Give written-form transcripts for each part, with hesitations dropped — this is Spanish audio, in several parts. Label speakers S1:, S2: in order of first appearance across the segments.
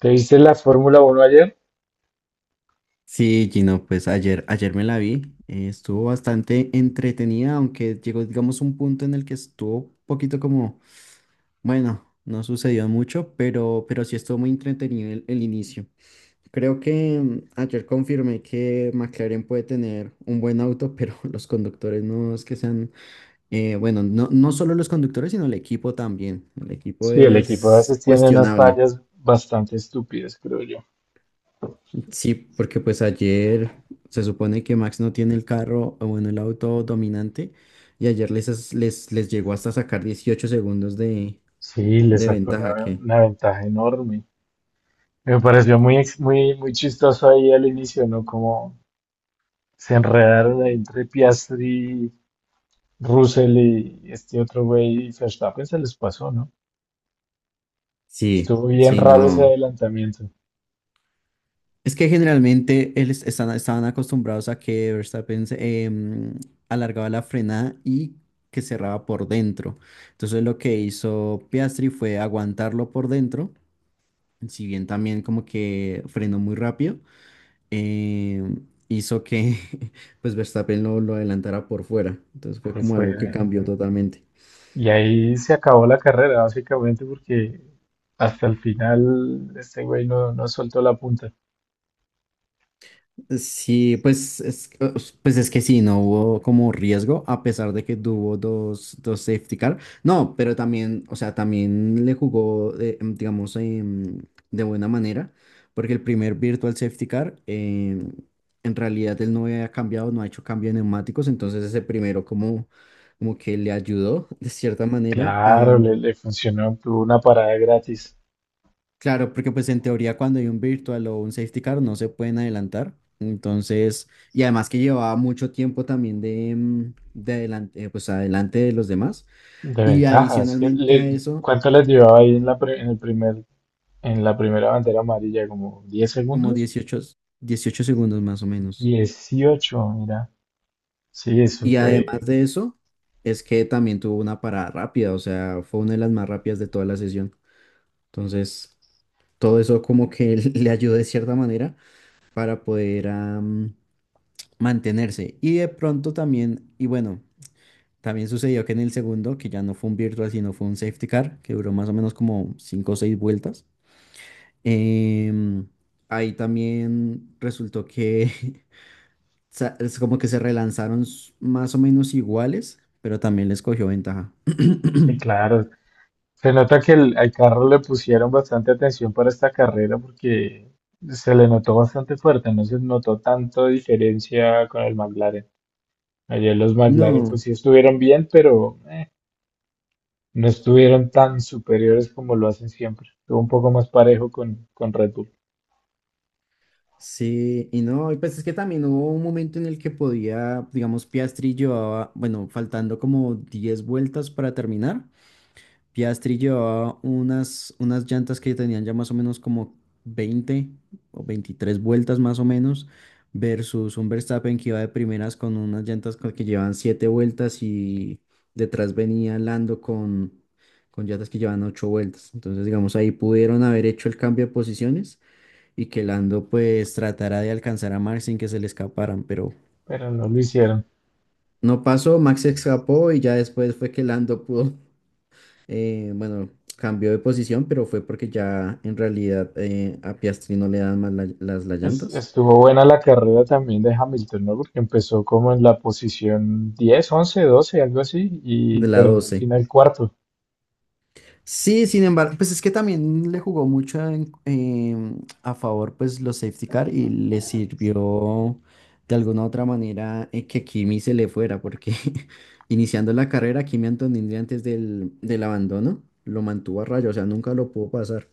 S1: ¿Te viste la Fórmula Uno ayer?
S2: Sí, Gino, pues ayer me la vi, estuvo bastante entretenida, aunque llegó, digamos, un punto en el que estuvo un poquito como, bueno, no sucedió mucho, pero sí estuvo muy entretenido el inicio. Creo que ayer confirmé que McLaren puede tener un buen auto, pero los conductores no es que sean, bueno, no solo los conductores, sino el equipo también. El equipo
S1: Sí, el equipo a
S2: es
S1: veces tiene unas
S2: cuestionable.
S1: fallas bastante estúpidas, creo yo.
S2: Sí, porque pues ayer se supone que Max no tiene el carro, o bueno, el auto dominante, y ayer les llegó hasta sacar 18 segundos de,
S1: Sí, le
S2: de
S1: sacó
S2: ventaja,
S1: una,
S2: que
S1: una ventaja enorme. Me pareció muy chistoso ahí al inicio, ¿no? Como se enredaron ahí entre Piastri, Russell y este otro güey, y Verstappen se les pasó, ¿no?
S2: sí,
S1: Estuvo bien
S2: sí,
S1: raro ese
S2: no.
S1: adelantamiento.
S2: Es que generalmente estaban acostumbrados a que Verstappen alargaba la frenada y que cerraba por dentro. Entonces lo que hizo Piastri fue aguantarlo por dentro, si bien también como que frenó muy rápido, eh, hizo que pues Verstappen lo adelantara por fuera. Entonces fue
S1: Fue,
S2: como algo que
S1: fue-
S2: cambió totalmente.
S1: y ahí se acabó la carrera, básicamente, porque hasta el final este güey no soltó la punta.
S2: Sí, pues es que sí, no hubo como riesgo, a pesar de que tuvo dos safety car. No, pero también, o sea, también le jugó, digamos, de buena manera, porque el primer virtual safety car, en realidad él no había cambiado, no ha hecho cambio de neumáticos, entonces ese primero como, como que le ayudó de cierta manera.
S1: Claro, le funcionó, tuvo una parada gratis
S2: Claro, porque pues en teoría cuando hay un virtual o un safety car no se pueden adelantar. Entonces, y además que llevaba mucho tiempo también de, de adelante, pues adelante de los demás.
S1: de
S2: Y
S1: ventajas.
S2: adicionalmente a eso,
S1: ¿Cuánto les llevaba ahí en la, pre- en el primer, en la primera bandera amarilla? ¿Como 10
S2: como
S1: segundos?
S2: 18 segundos más o menos.
S1: 18, mira. Sí, eso
S2: Y además
S1: fue.
S2: de eso, es que también tuvo una parada rápida, o sea, fue una de las más rápidas de toda la sesión. Entonces, todo eso como que le ayudó de cierta manera para poder, mantenerse. Y de pronto también, y bueno. También sucedió que en el segundo, que ya no fue un virtual, sino fue un safety car, que duró más o menos como 5 o 6 vueltas. em, Ahí también resultó que es como que se relanzaron más o menos iguales, pero también les cogió ventaja.
S1: Sí, claro. Se nota que al carro le pusieron bastante atención para esta carrera porque se le notó bastante fuerte, no se notó tanto diferencia con el McLaren. Ayer los McLaren
S2: No,
S1: pues sí estuvieron bien, pero... no estuvieron tan superiores como lo hacen siempre. Estuvo un poco más parejo con Red Bull,
S2: sí, y no, y pues es que también hubo un momento en el que podía, digamos, Piastri llevaba, bueno, faltando como 10 vueltas para terminar, Piastri llevaba unas llantas que tenían ya más o menos como 20 o 23 vueltas más o menos, versus un Verstappen que iba de primeras con unas llantas que llevaban 7 vueltas y detrás venía Lando con llantas que llevaban 8 vueltas. Entonces, digamos, ahí pudieron haber hecho el cambio de posiciones y que Lando pues tratara de alcanzar a Max sin que se le escaparan, pero
S1: pero no lo hicieron.
S2: no pasó, Max se escapó y ya después fue que Lando pudo, eh, bueno, cambió de posición, pero fue porque ya en realidad, a Piastri no le dan más las llantas
S1: Estuvo buena la carrera también de Hamilton, ¿no? Porque empezó como en la posición 10, 11, 12, algo así, y
S2: de la
S1: terminó al
S2: 12.
S1: final cuarto.
S2: Sí, sin embargo, pues es que también le jugó mucho a favor pues los safety car y le sirvió de alguna u otra manera, que Kimi se le fuera, porque iniciando la carrera, Kimi Antonelli antes del abandono lo mantuvo a raya, o sea, nunca lo pudo pasar.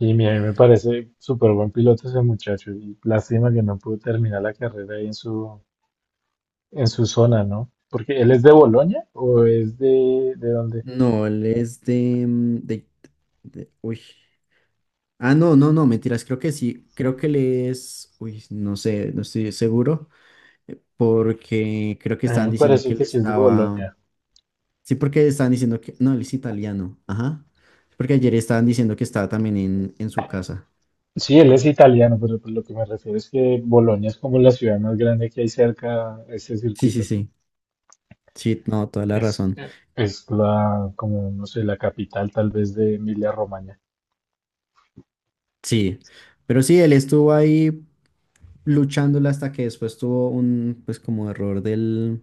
S1: A mí me parece súper buen piloto ese muchacho, y lástima que no pudo terminar la carrera ahí en su zona, ¿no? ¿Porque él es de Bolonia o es de dónde?
S2: No, él es de, uy. Ah, no, no, no, mentiras, creo que sí, creo que le es, uy, no sé, no estoy seguro, porque creo que
S1: A mí
S2: estaban
S1: me
S2: diciendo
S1: parece
S2: que él
S1: que sí es de
S2: estaba,
S1: Bolonia.
S2: sí, porque estaban diciendo que, no, él es italiano, ajá, porque ayer estaban diciendo que estaba también en su casa.
S1: Sí, él es italiano, pero pues lo que me refiero es que Bolonia es como la ciudad más grande que hay cerca a ese
S2: Sí, sí,
S1: circuito.
S2: sí, sí, no, toda la
S1: Es,
S2: razón,
S1: es la, como, no sé, la capital tal vez de Emilia-Romagna.
S2: sí, pero sí, él estuvo ahí luchándola hasta que después tuvo un, pues como error del,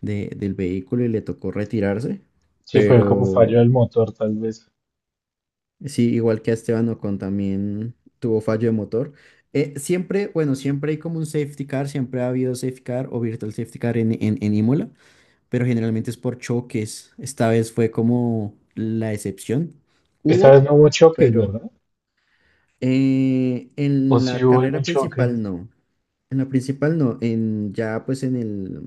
S2: de- del vehículo y le tocó retirarse,
S1: Sí, fue como
S2: pero
S1: fallo del motor tal vez.
S2: sí, igual que a Esteban Ocon también tuvo fallo de motor. Siempre, bueno, siempre hay como un safety car, siempre ha habido safety car o virtual safety car en Imola, pero generalmente es por choques. Esta vez fue como la excepción.
S1: Esta vez
S2: Hubo,
S1: no hubo choques,
S2: pero
S1: ¿verdad? ¿O
S2: en
S1: sí
S2: la
S1: hubo algún
S2: carrera
S1: choque
S2: principal no. En la principal no, en ya pues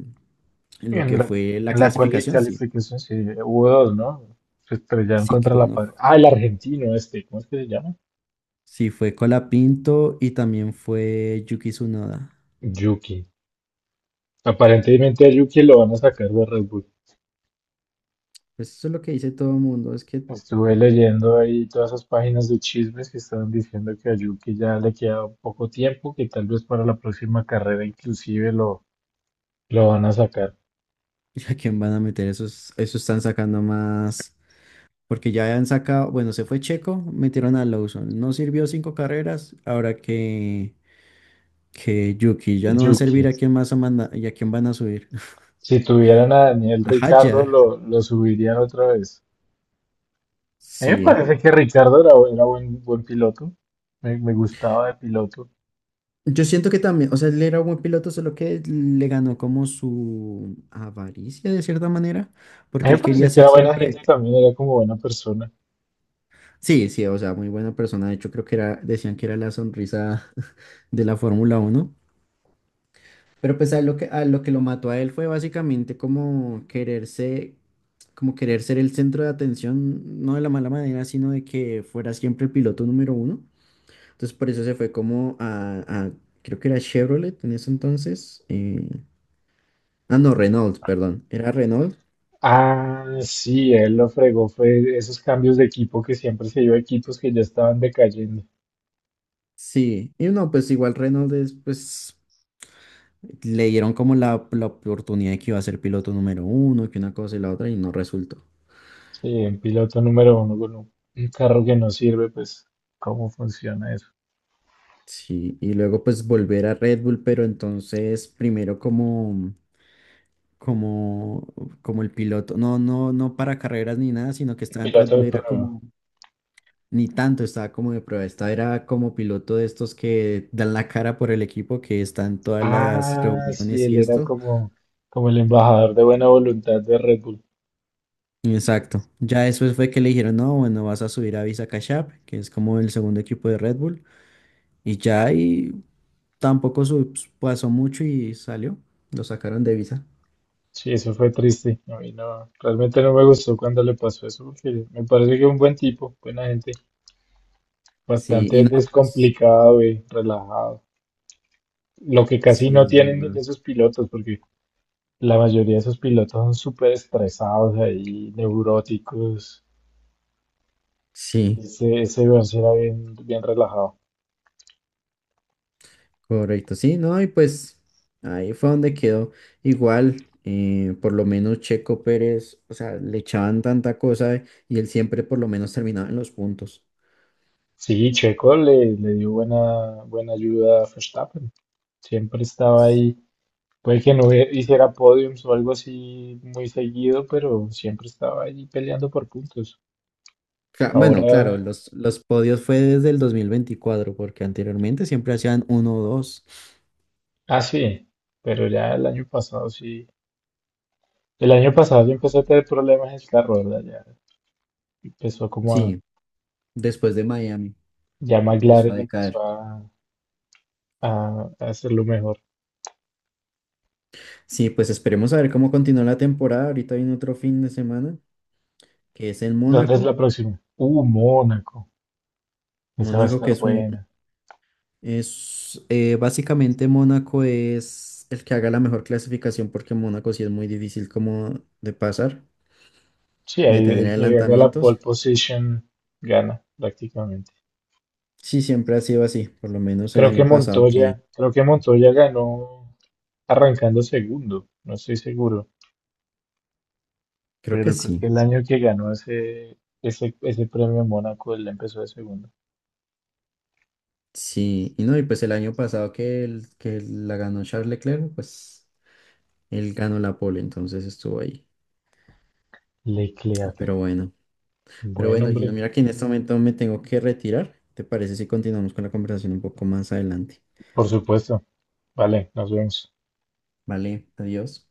S2: en lo
S1: en
S2: que
S1: la,
S2: fue la
S1: en la cuali-
S2: clasificación, sí.
S1: calificación? Sí, hubo dos, ¿no? Se estrellaron
S2: Sí que
S1: contra la
S2: bueno,
S1: pared. Ah, el argentino este, ¿cómo es que se llama?
S2: sí fue Colapinto y también fue Yuki Tsunoda.
S1: Yuki. Aparentemente a Yuki lo van a sacar de Red Bull.
S2: Pues eso es lo que dice todo el mundo, es que
S1: Estuve leyendo ahí todas esas páginas de chismes que estaban diciendo que a Yuki ya le queda poco tiempo, que tal vez para la próxima carrera inclusive lo van a sacar.
S2: ¿a quién van a meter esos? Eso están sacando más, porque ya han sacado, bueno, se fue Checo, metieron a Lawson, no sirvió cinco carreras, ahora que Yuki ya no va a
S1: Yuki,
S2: servir, ¿a quién más y a quién van a subir?
S1: si tuvieran a Daniel
S2: A
S1: Ricardo,
S2: Hadjar,
S1: lo subirían otra vez. A mí me
S2: sí.
S1: parece que Ricardo era buen piloto, me gustaba de piloto.
S2: Yo siento que también, o sea, él era un buen piloto, solo que le ganó como su avaricia de cierta manera,
S1: A mí
S2: porque
S1: me
S2: él
S1: parece
S2: quería
S1: que
S2: ser
S1: era buena gente
S2: siempre,
S1: también, era como buena persona.
S2: sí, sí, o sea, muy buena persona, de hecho creo que era, decían que era la sonrisa de la Fórmula Uno. Pero pues a lo que lo mató a él fue básicamente como quererse, como querer ser el centro de atención, no de la mala manera, sino de que fuera siempre el piloto número uno. Entonces por eso se fue como creo que era Chevrolet en ese entonces. Ah, no, Renault, perdón. Era Renault.
S1: Ah, sí, él lo fregó, fue esos cambios de equipo que siempre se dio a equipos que ya estaban decayendo.
S2: Sí. Y no, pues igual Renault es, pues le dieron como la oportunidad de que iba a ser piloto número uno, que una cosa y la otra, y no resultó.
S1: Sí, un piloto número uno con un carro que no sirve, pues, ¿cómo funciona eso?
S2: Sí, y luego pues volver a Red Bull, pero entonces primero como, como, como el piloto, no para carreras ni nada, sino que estaba en Red
S1: Piloto
S2: Bull,
S1: de
S2: era
S1: prueba.
S2: como, ni tanto, estaba como de prueba, estaba era como piloto de estos que dan la cara por el equipo, que están todas las
S1: Ah, sí,
S2: reuniones
S1: él
S2: y
S1: era
S2: esto.
S1: como, como el embajador de buena voluntad de Red Bull.
S2: Exacto, ya después fue que le dijeron, no, bueno, vas a subir a Visa Cash App, que es como el segundo equipo de Red Bull, y ya y tampoco pasó mucho y salió, lo sacaron de Visa.
S1: Sí, eso fue triste. A mí no, realmente no me gustó cuando le pasó eso, porque me parece que es un buen tipo, buena gente,
S2: Sí,
S1: bastante
S2: y no, pues
S1: descomplicado y relajado. Lo que casi
S2: sí
S1: no
S2: es
S1: tienen de
S2: verdad.
S1: esos pilotos, porque la mayoría de esos pilotos son súper estresados ahí, neuróticos.
S2: Sí,
S1: Ese Vance era bien, bien relajado.
S2: correcto. Sí, no, y pues ahí fue donde quedó. Igual, por lo menos Checo Pérez, o sea, le echaban tanta cosa y él siempre por lo menos terminaba en los puntos.
S1: Sí, Checo le dio buena ayuda a Verstappen. Siempre estaba ahí. Puede que no hiciera podiums o algo así muy seguido, pero siempre estaba ahí peleando por puntos.
S2: Bueno, claro,
S1: Ahora,
S2: los podios fue desde el 2024 porque anteriormente siempre hacían uno o dos.
S1: ah, sí, pero ya el año pasado sí. El año pasado ya empezó a tener problemas el carro, ¿verdad? Ya empezó como a.
S2: Sí, después de Miami
S1: Ya
S2: empezó a
S1: McLaren
S2: decaer.
S1: empezó a hacerlo mejor.
S2: Sí, pues esperemos a ver cómo continúa la temporada. Ahorita viene otro fin de semana, que es en
S1: ¿Dónde es
S2: Mónaco.
S1: la próxima? Mónaco. Esa va a
S2: Mónaco, que
S1: estar
S2: es un,
S1: buena.
S2: es, básicamente Mónaco es el que haga la mejor clasificación porque Mónaco sí es muy difícil como de pasar,
S1: Sí,
S2: de
S1: ahí
S2: tener
S1: el que haga la pole
S2: adelantamientos.
S1: position gana prácticamente.
S2: Sí, siempre ha sido así, por lo menos el año pasado que
S1: Creo que Montoya ganó arrancando segundo, no estoy seguro,
S2: creo que
S1: pero creo que
S2: sí.
S1: el año que ganó ese premio en Mónaco, él empezó de segundo.
S2: Sí, y no, y pues el año pasado que, el, que la ganó Charles Leclerc, pues él ganó la pole, entonces estuvo ahí.
S1: Leclerc,
S2: Pero bueno, pero
S1: buen
S2: bueno, Gino,
S1: hombre,
S2: mira que en este momento me tengo que retirar. ¿Te parece si continuamos con la conversación un poco más adelante?
S1: por supuesto. Vale, nos vemos.
S2: Vale, adiós.